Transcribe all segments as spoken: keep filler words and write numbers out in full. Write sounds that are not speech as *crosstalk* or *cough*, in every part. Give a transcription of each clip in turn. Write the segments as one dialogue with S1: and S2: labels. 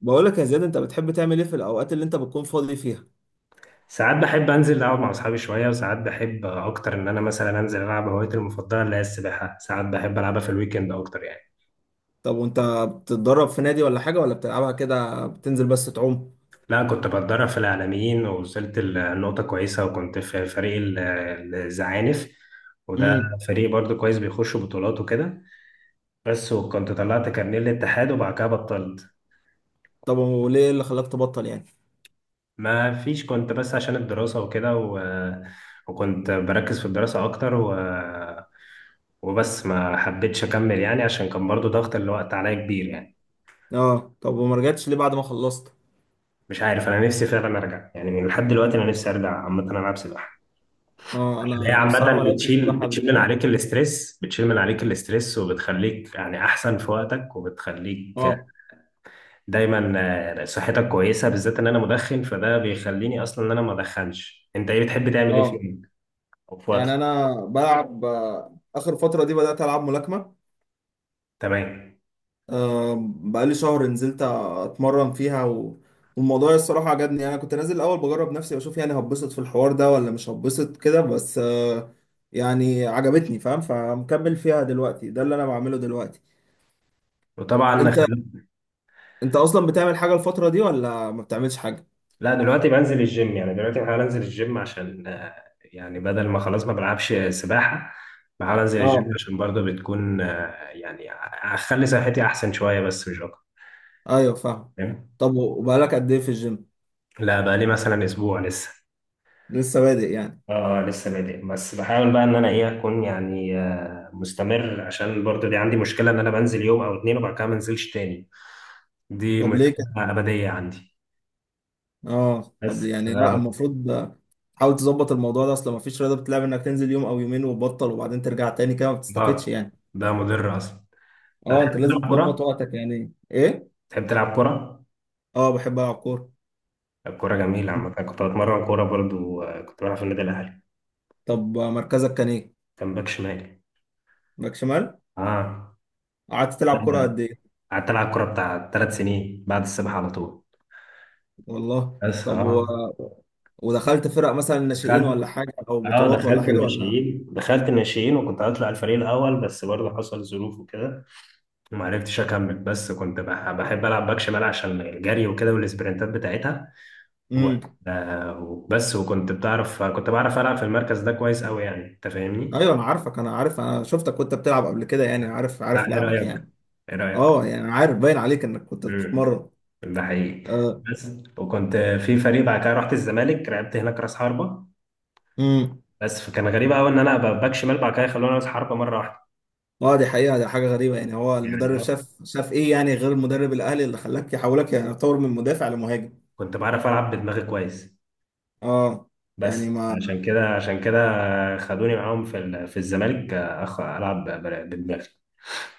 S1: بقول لك يا زياد، انت بتحب تعمل ايه في الاوقات اللي انت بتكون فاضي فيها؟
S2: ساعات بحب انزل العب مع اصحابي شويه، وساعات بحب اكتر ان انا مثلا انزل العب هوايتي المفضله اللي هي السباحه. ساعات بحب العبها في الويكند اكتر يعني.
S1: طب وانت بتتدرب في نادي ولا حاجه، ولا بتلعبها كده بتنزل بس تعوم؟
S2: لا، كنت بتدرب في العالمين ووصلت لنقطه كويسه، وكنت في فريق ال- الزعانف. وده
S1: امم.
S2: فريق برضو كويس بيخش بطولات وكده. بس وكنت طلعت كارنيه الاتحاد وبعد كده بطلت.
S1: طب وليه اللي خلاك تبطل يعني؟
S2: ما فيش، كنت بس عشان الدراسه وكده و... وكنت بركز في الدراسه اكتر و... وبس ما حبيتش اكمل يعني، عشان كان برضو ضغط الوقت عليا كبير يعني.
S1: اه، طب وما رجعتش ليه بعد ما خلصت؟
S2: مش عارف، انا نفسي فعلا ارجع يعني، من لحد دلوقتي انا نفسي ارجع عامه العب سباحه،
S1: اه،
S2: عشان هي
S1: انا انا بصراحه
S2: عامه
S1: ما لعبتش
S2: بتشيل
S1: سباحه قبل
S2: بتشيل من
S1: كده.
S2: عليك الاسترس، بتشيل من عليك الاسترس وبتخليك يعني احسن في وقتك، وبتخليك
S1: اه.
S2: دايما. آه، صحتك كويسه بالذات ان انا مدخن، فده بيخليني اصلا ان انا ما ادخنش. انت ايه بتحب تعمل ايه في
S1: اه
S2: يومك او في
S1: يعني
S2: وقتك؟
S1: انا بلعب، آه، اخر فتره دي بدات العب ملاكمه.
S2: تمام.
S1: آه، بقالي شهر نزلت اتمرن فيها و... والموضوع الصراحة عجبني. يعني انا كنت نازل الاول بجرب نفسي واشوف يعني هتبسط في الحوار ده ولا مش هتبسط كده، بس آه، يعني عجبتني، فاهم؟ فمكمل فيها دلوقتي، ده اللي انا بعمله دلوقتي.
S2: وطبعا،
S1: انت انت اصلا بتعمل حاجة الفترة دي ولا ما بتعملش حاجة؟
S2: لا دلوقتي بنزل الجيم يعني. دلوقتي بحاول انزل الجيم عشان آه، يعني بدل ما خلاص ما بلعبش سباحة، بحاول انزل الجيم
S1: اه.
S2: عشان برضه بتكون آه، يعني اخلي صحتي احسن شوية، بس مش اكتر.
S1: ايوه فاهم.
S2: فاهم؟
S1: طب وبقالك قد ايه في الجيم؟
S2: لا، بقى لي مثلا اسبوع لسه.
S1: لسه بادئ يعني؟
S2: اه لسه بادئ. بس بحاول بقى ان انا ايه اكون يعني آه، مستمر، عشان برضه دي عندي مشكلة ان انا بنزل يوم او اتنين وبعد كده ما انزلش تاني. دي
S1: طب
S2: مشكلة
S1: ليه؟
S2: ابدية عندي.
S1: اه، طب
S2: بس ف-
S1: يعني لا، المفروض حاول تظبط الموضوع ده، اصل مفيش رياضه بتلعب انك تنزل يوم او يومين وتبطل وبعدين ترجع تاني، كده ما بتستفدش
S2: اه
S1: يعني.
S2: ده مضر اصلا.
S1: اه،
S2: هتحب
S1: انت لازم
S2: تلعب
S1: تظبط
S2: كورة؟
S1: وقتك يعني. ايه؟
S2: تحب تلعب كورة؟
S1: اه بحب العب كوره.
S2: الكورة جميلة عامة. أنا كنت بتمرن كورة برضو، آه، كنت بلعب في النادي الأهلي.
S1: طب مركزك كان ايه؟
S2: كان باك شمال.
S1: باك شمال.
S2: اه.
S1: قعدت
S2: لا،
S1: تلعب كوره
S2: لا.
S1: قد ايه؟
S2: قعدت ألعب كورة بتاع ثلاث سنين بعد السباحة على طول.
S1: والله
S2: بس
S1: طب و...
S2: اه
S1: ودخلت فرق مثلا ناشئين
S2: دخلت.
S1: ولا حاجه، او
S2: اه
S1: بطولات ولا
S2: دخلت
S1: حاجه ولا؟
S2: الناشئين، دخلت الناشئين وكنت هطلع الفريق الأول، بس برضه حصل ظروف وكده وما عرفتش أكمل. بس كنت بح- بحب ألعب باك شمال عشان الجري وكده والسبرنتات بتاعتها و...
S1: امم.
S2: آه، بس وكنت بتعرف، كنت بعرف ألعب في المركز ده كويس أوي يعني. أنت فاهمني؟
S1: ايوه انا عارفك، انا عارف، انا شفتك وانت بتلعب قبل كده، يعني عارف، عارف
S2: لا، إيه
S1: لعبك
S2: رأيك؟
S1: يعني.
S2: إيه رأيك؟
S1: اه يعني عارف، باين عليك انك كنت
S2: امم.
S1: بتتمرن.
S2: ده حقيقي.
S1: آه.
S2: بس وكنت في فريق، بعد كده رحت الزمالك، لعبت هناك راس حربه.
S1: امم.
S2: بس فكان غريب قوي ان انا ابقى باك شمال بعد كده خلوني راس حربه مره واحده.
S1: اه دي حقيقة، دي حاجة غريبة يعني. هو
S2: يعني
S1: المدرب
S2: اه
S1: شاف، شاف ايه يعني، غير المدرب الاهلي، اللي خلاك يحولك يعني، يتطور من مدافع لمهاجم؟
S2: كنت بعرف العب بدماغي كويس.
S1: اه يعني.
S2: بس
S1: ما
S2: عشان كده عشان كده خدوني معاهم في ال- في الزمالك. آه، أخ العب ب- بدماغي.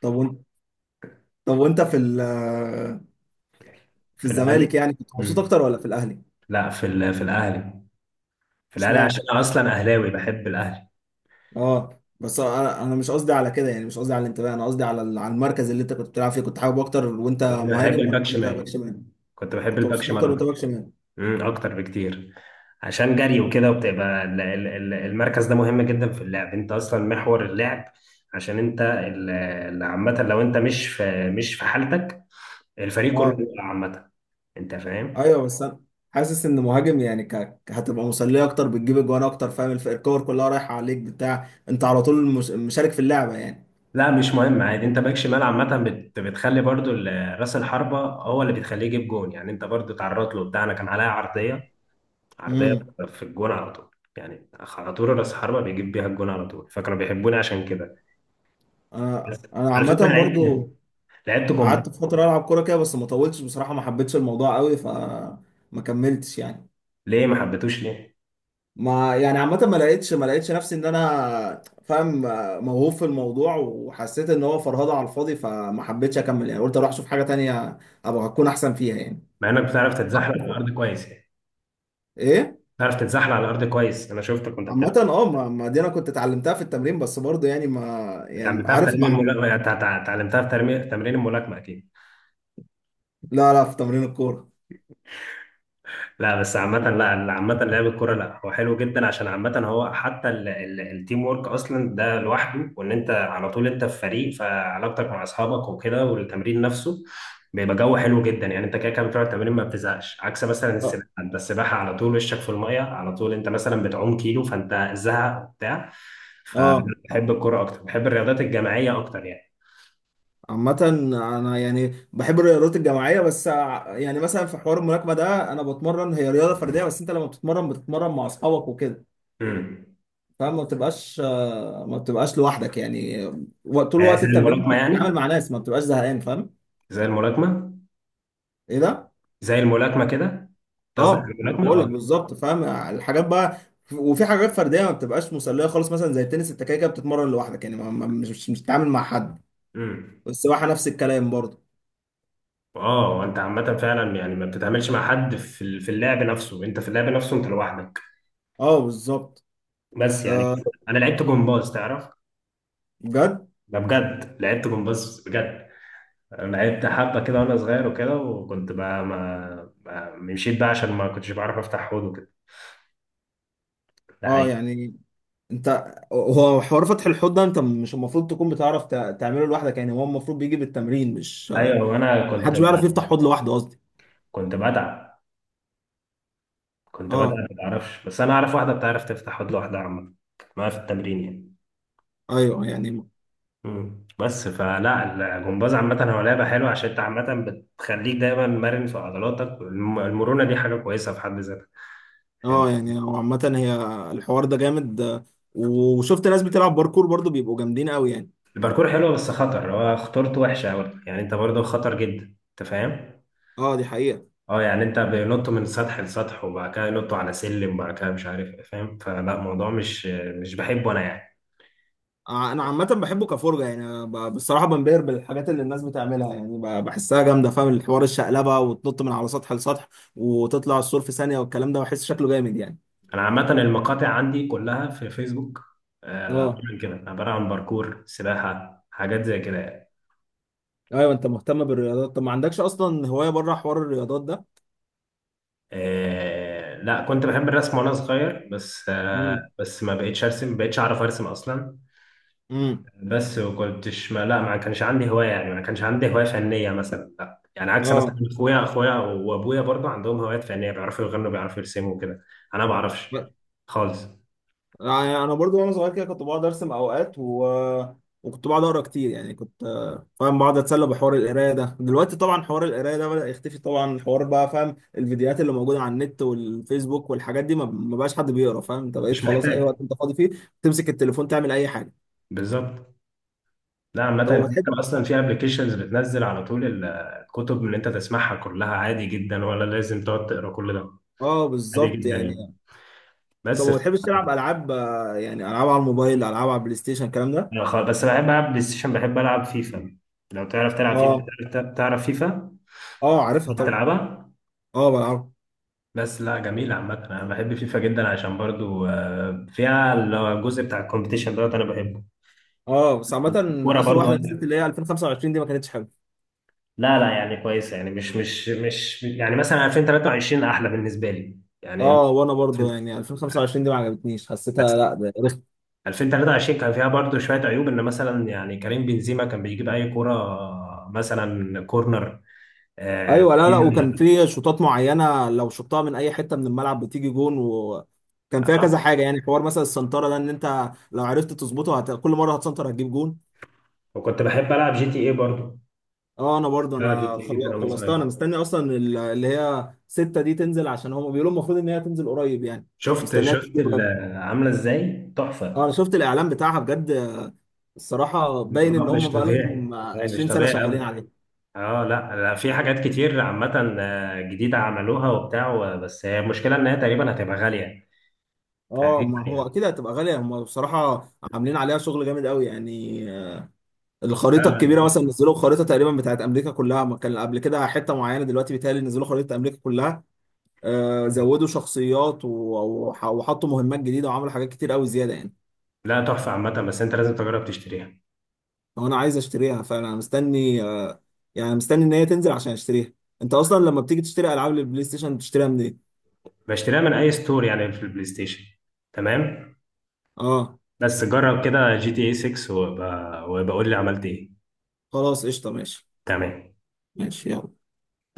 S1: طب وانت، طب وانت في ال، في
S2: في
S1: الزمالك
S2: الاهلي.
S1: يعني كنت مبسوط
S2: امم.
S1: اكتر ولا في الاهلي؟
S2: لا في ال- في الاهلي. في الاهلي عشان
S1: اشمعنى؟
S2: انا اصلا اهلاوي، بحب الاهلي.
S1: اه بس انا انا مش قصدي على كده يعني، مش قصدي على الانتماء، انا قصدي على ال، على المركز اللي انت كنت بتلعب فيه، كنت حابب اكتر وانت
S2: كنت بحب
S1: مهاجم ولا
S2: الباك
S1: كنت باك
S2: شمال،
S1: شمال؟
S2: كنت بحب
S1: كنت
S2: الباك
S1: مبسوط اكتر وانت
S2: شمال.
S1: باك شمال.
S2: امم اكتر بكتير، عشان جري وكده، وبتبقى ال- ال- ال- المركز ده مهم جدا في اللعب. انت اصلا محور اللعب، عشان انت ال- ال- عامه لو انت مش في مش في حالتك الفريق كله
S1: اه.
S2: بيقع عامه. انت فاهم؟
S1: ايوه بس انا حاسس ان مهاجم يعني ك... ك- هتبقى مسليه اكتر، بتجيب اجوان اكتر، فاهم؟ الف- الكور كلها رايحه عليك بتاع، انت على طول مش... مشارك في اللعبه يعني.
S2: لا مش مهم عادي. انت باك شمال عامه بت- بتخلي برضو ال- راس الحربه هو اللي بتخليه يجيب جون يعني. انت برضو اتعرضت له، بتاعنا كان عليها عرضيه، عرضيه
S1: امم.
S2: في الجون على طول. يعني على طول راس الحربه بيجيب بيها الجون على طول، فكانوا بيحبوني عشان كده.
S1: انا
S2: بس
S1: انا
S2: على فكره
S1: عامه
S2: لعبت،
S1: برضو
S2: لعبت.
S1: قعدت فتره العب كوره كده، بس ما طولتش بصراحه، ما حبيتش الموضوع قوي، ف ما كملتش يعني.
S2: ليه ما حبيتوش ليه؟
S1: ما يعني عامه ما لقيتش، ما لقيتش نفسي ان انا فاهم موهوب في الموضوع، وحسيت ان هو فرهده على الفاضي، فما حبيتش اكمل يعني، قلت اروح اشوف حاجه تانية ابقى اكون احسن فيها يعني.
S2: مع انك بتعرف تتزحلق على الارض كويس يعني.
S1: *laughs* ايه.
S2: بتعرف تتزحلق على الارض كويس، انا شفتك وانت
S1: عامة
S2: بتلعب.
S1: اه، ما ما دي انا كنت اتعلمتها في التمرين، بس برضه يعني ما، يعني
S2: اتعلمتها في
S1: عارف
S2: تمرين
S1: ما.
S2: الملاكمه. اتعلمتها في ترمي- تمرين الملاكمه اكيد.
S1: لا لا، في تمرين الكورة.
S2: لا بس عامة، لا عامة، لعب الكرة لا هو حلو جدا، عشان عامة هو حتى ال- ال- التيم وورك أصلا ده لوحده، وإن أنت على طول أنت في فريق، فعلاقتك مع أصحابك وكده والتمرين نفسه بيبقى جو حلو جدا يعني. أنت كده كده بتقعد تمرين ما بتزهقش، عكس مثلا
S1: اه.
S2: السباحة. أنت السباحة على طول وشك في المية على طول، أنت مثلا بتعوم كيلو فأنت زهق وبتاع.
S1: اه
S2: فبحب الكرة أكتر، بحب الرياضات الجماعية أكتر يعني.
S1: عامة انا يعني بحب الرياضات الجماعية، بس ع- يعني مثلا في حوار الملاكمة ده انا بتمرن، هي رياضة فردية بس انت لما بتتمرن بتتمرن مع اصحابك وكده،
S2: امم.
S1: فما بتبقاش، آه، ما بتبقاش لوحدك يعني. و- طول
S2: آه، زي
S1: وقت التمرين انت
S2: الملاكمة
S1: بتتعامل
S2: يعني.
S1: مع ناس، ما بتبقاش زهقان، فاهم؟
S2: زي الملاكمة.
S1: ايه ده؟
S2: زي الملاكمة كده. أنت قصدك على
S1: اه ما
S2: الملاكمة؟
S1: بقول لك
S2: آه.
S1: بالظبط، فاهم الحاجات بقى. وفي حاجات فرديه ما بتبقاش مسليه خالص، مثلا زي التنس انت كده كده بتتمرن لوحدك يعني، ما ما- مش مش مش بتتعامل مع حد.
S2: امم.
S1: والسباحه نفس الكلام برضه.
S2: اه انت عامه فعلا يعني ما بتتعاملش مع حد في ال- في اللعب نفسه. انت في اللعب نفسه انت لوحدك.
S1: اه بالظبط.
S2: بس يعني
S1: آه.
S2: انا لعبت جمباز تعرف.
S1: بجد؟
S2: ده بجد، لعبت جمباز بجد. انا لعبت حبه كده وانا صغير وكده، وكنت بقى ما ما- مشيت بقى عشان ما كنتش بعرف افتح حوض وكده. ده
S1: اه
S2: حقيقي.
S1: يعني انت، هو حوار فتح الحوض ده انت مش المفروض تكون بتعرف تع- تعمله لوحدك يعني، هو المفروض بيجي بالتمرين، مش
S2: ايوه وانا كنت
S1: محدش بيعرف يفتح
S2: ب-
S1: حوض لوحده، قصدي.
S2: كنت بتعب كنت بتعب
S1: اه.
S2: ما بعرفش. بس انا اعرف واحده بتعرف تفتح حوض لوحدها عامه، كانت معايا في التمرين يعني.
S1: ايوه يعني.
S2: مم. بس فلا الجمباز عامة هو لعبة حلوة، عشان انت عامة بتخليك دايما مرن في عضلاتك، والم- المرونة دي حاجة كويسة في حد ذاتها يعني.
S1: اه يعني هو عامه هي الحوار ده جامد. آه، وشفت ناس بتلعب باركور برضه، بيبقوا جامدين قوي يعني.
S2: الباركور حلوة بس خطر، هو خطورته وحشة أوي يعني، انت برضه خطر جدا. انت فاهم؟
S1: اه دي حقيقة.
S2: اه يعني انت بينطوا من سطح لسطح، وبعد كده ينطوا على سلم، وبعد كده مش عارف ايه، فاهم؟ فلا الموضوع مش مش بحبه انا يعني.
S1: آه، انا عامة بحبه كفرجة يعني. أنا ب- بصراحة بنبهر بالحاجات اللي الناس بتعملها يعني، ب- بحسها جامدة، فاهم الحوار؟ الشقلبة وتنط من على سطح لسطح، وتطلع السور في ثانية، والكلام ده بحس شكله جامد يعني.
S2: انا عامة المقاطع عندي كلها في فيسبوك. آه،
S1: اه.
S2: عبارة عن كده، عبارة عن باركور سباحة حاجات زي كده يعني.
S1: ايوه انت مهتم بالرياضات. طب ما عندكش اصلا هواية بره حوار الرياضات ده؟
S2: آه لا، كنت بحب الرسم وانا صغير، بس آه
S1: امم.
S2: بس ما بقيتش ارسم، ما بقيتش اعرف ارسم اصلا.
S1: امم.
S2: بس وكنتش ما لا ما كانش عندي هوايه يعني. ما كانش عندي هوايه فنيه مثلا، لا يعني عكس مثلا
S1: اه
S2: اخويا اخويا وابويا برضه عندهم هوايات فنيه، بيعرفوا يغنوا، بيعرفوا يرسموا وكده. انا ما بعرفش خالص.
S1: يعني انا برضو وانا صغير كده كنت بقعد ارسم اوقات و... وكنت بقعد اقرا كتير يعني. كنت، آه، فاهم، بقعد اتسلى بحوار القرايه ده. دلوقتي طبعا حوار القرايه ده بدأ يختفي طبعا، حوار بقى فاهم، الفيديوهات اللي موجوده على النت والفيسبوك والحاجات دي، ما ما بقاش حد بيقرا، فاهم؟ انت بقيت
S2: مش
S1: خلاص اي
S2: محتاج.
S1: وقت انت فاضي فيه تمسك التليفون تعمل اي حاجه.
S2: بالظبط. لا عامة
S1: طب ما
S2: انت
S1: بتحب،
S2: ممكن اصلا في ابلكيشنز بتنزل على طول ال- الكتب اللي انت تسمعها كلها عادي جدا، ولا لازم تقعد تقرا كل ده؟
S1: اه
S2: عادي
S1: بالظبط
S2: جدا
S1: يعني.
S2: يعني.
S1: طب
S2: بس
S1: ما بتحبش تلعب العاب، آه، يعني العاب على الموبايل، العاب على البلاي ستيشن، الكلام ده؟
S2: أنا خ- بس بحب العب بلاي ستيشن، بحب العب فيفا. لو تعرف تلعب فيفا.
S1: اه.
S2: تعرف تعرف فيفا.
S1: اه عارفها
S2: تعرف
S1: طبعا.
S2: تلعبها.
S1: اه بلعبها.
S2: بس لا جميل. عامة انا بحب فيفا جدا عشان برضو آه، فيها الجزء بتاع الكومبيتيشن دوت انا بحبه.
S1: اه بس عامه
S2: الكورة
S1: اخر
S2: برضو
S1: واحده نزلت
S2: أنا-
S1: اللي هي الفيفا خمسة وعشرين دي ما كانتش حلوه.
S2: لا لا يعني كويسة يعني مش مش مش يعني مثلا ألفين وثلاثة وعشرين احلى بالنسبة لي يعني. ألفين
S1: اه وانا برضه يعني
S2: وثلاثة
S1: الفيفا خمسة وعشرين دي ما عجبتنيش،
S2: وعشرين
S1: حسيتها
S2: بس.
S1: لا ده رخ.
S2: ألفين وثلاثة وعشرين كان فيها برضو شوية عيوب، ان مثلا يعني كريم بنزيما كان بيجيب اي كرة مثلا كورنر. آه،
S1: ايوه لا لا، وكان في شوطات معينه لو شطها من اي حته من الملعب بتيجي جون، وكان فيها كذا حاجه يعني، حوار مثلا السنتره ده ان انت لو عرفت تظبطه هت... كل مره هتسنتر هتجيب جون.
S2: وكنت بحب العب جي تي ايه برضو،
S1: اه انا برضه
S2: بلعب جي
S1: انا
S2: تي ايه
S1: خل...
S2: جدا وانا
S1: خلصتها. انا
S2: صغير.
S1: مستني اصلا ال- اللي هي ستة دي تنزل، عشان هم بيقولوا المفروض ان هي تنزل قريب يعني،
S2: شفت
S1: مستنيها
S2: شفت
S1: تنزل
S2: ال-
S1: قريب.
S2: عامله ازاي
S1: اه
S2: تحفه.
S1: انا شفت الاعلان بتاعها بجد. الصراحه باين
S2: الموضوع
S1: ان هم
S2: مش
S1: بقى لهم
S2: طبيعي، لا، مش
S1: عشرين سنه
S2: طبيعي
S1: شغالين.
S2: ابدا. اه لا لا، في حاجات كتير عامه آه، جديده عملوها وبتاع و- بس هي المشكله ان هي تقريبا هتبقى غاليه،
S1: اه
S2: تقريبا
S1: ما هو
S2: يعني.
S1: اكيد هتبقى غاليه. هم بصراحه عاملين عليها شغل جامد قوي يعني. آه، الخريطه الكبيره
S2: لا
S1: مثلا، نزلوا خريطه تقريبا بتاعت امريكا كلها، ما كان قبل كده حته معينه، دلوقتي بيتهيألي نزلوا خريطه امريكا كلها. آه زودوا شخصيات و- وح- وحطوا مهمات جديده وعملوا حاجات كتير قوي زياده يعني.
S2: لا تحفه عامه، بس انت لازم تجرب تشتريها.
S1: فانا عايز اشتريها، فانا مستني آه، يعني مستني ان هي تنزل عشان اشتريها. انت اصلا لما بتيجي تشتري العاب للبلاي ستيشن بتشتريها منين؟
S2: بشتريها من اي ستور يعني في البلاي ستيشن. تمام.
S1: اه.
S2: بس جرب كده جي تي اي ستة وبقول لي عملت ايه.
S1: خلاص قشطه ماشي.
S2: تمام.
S1: ماشي يلا.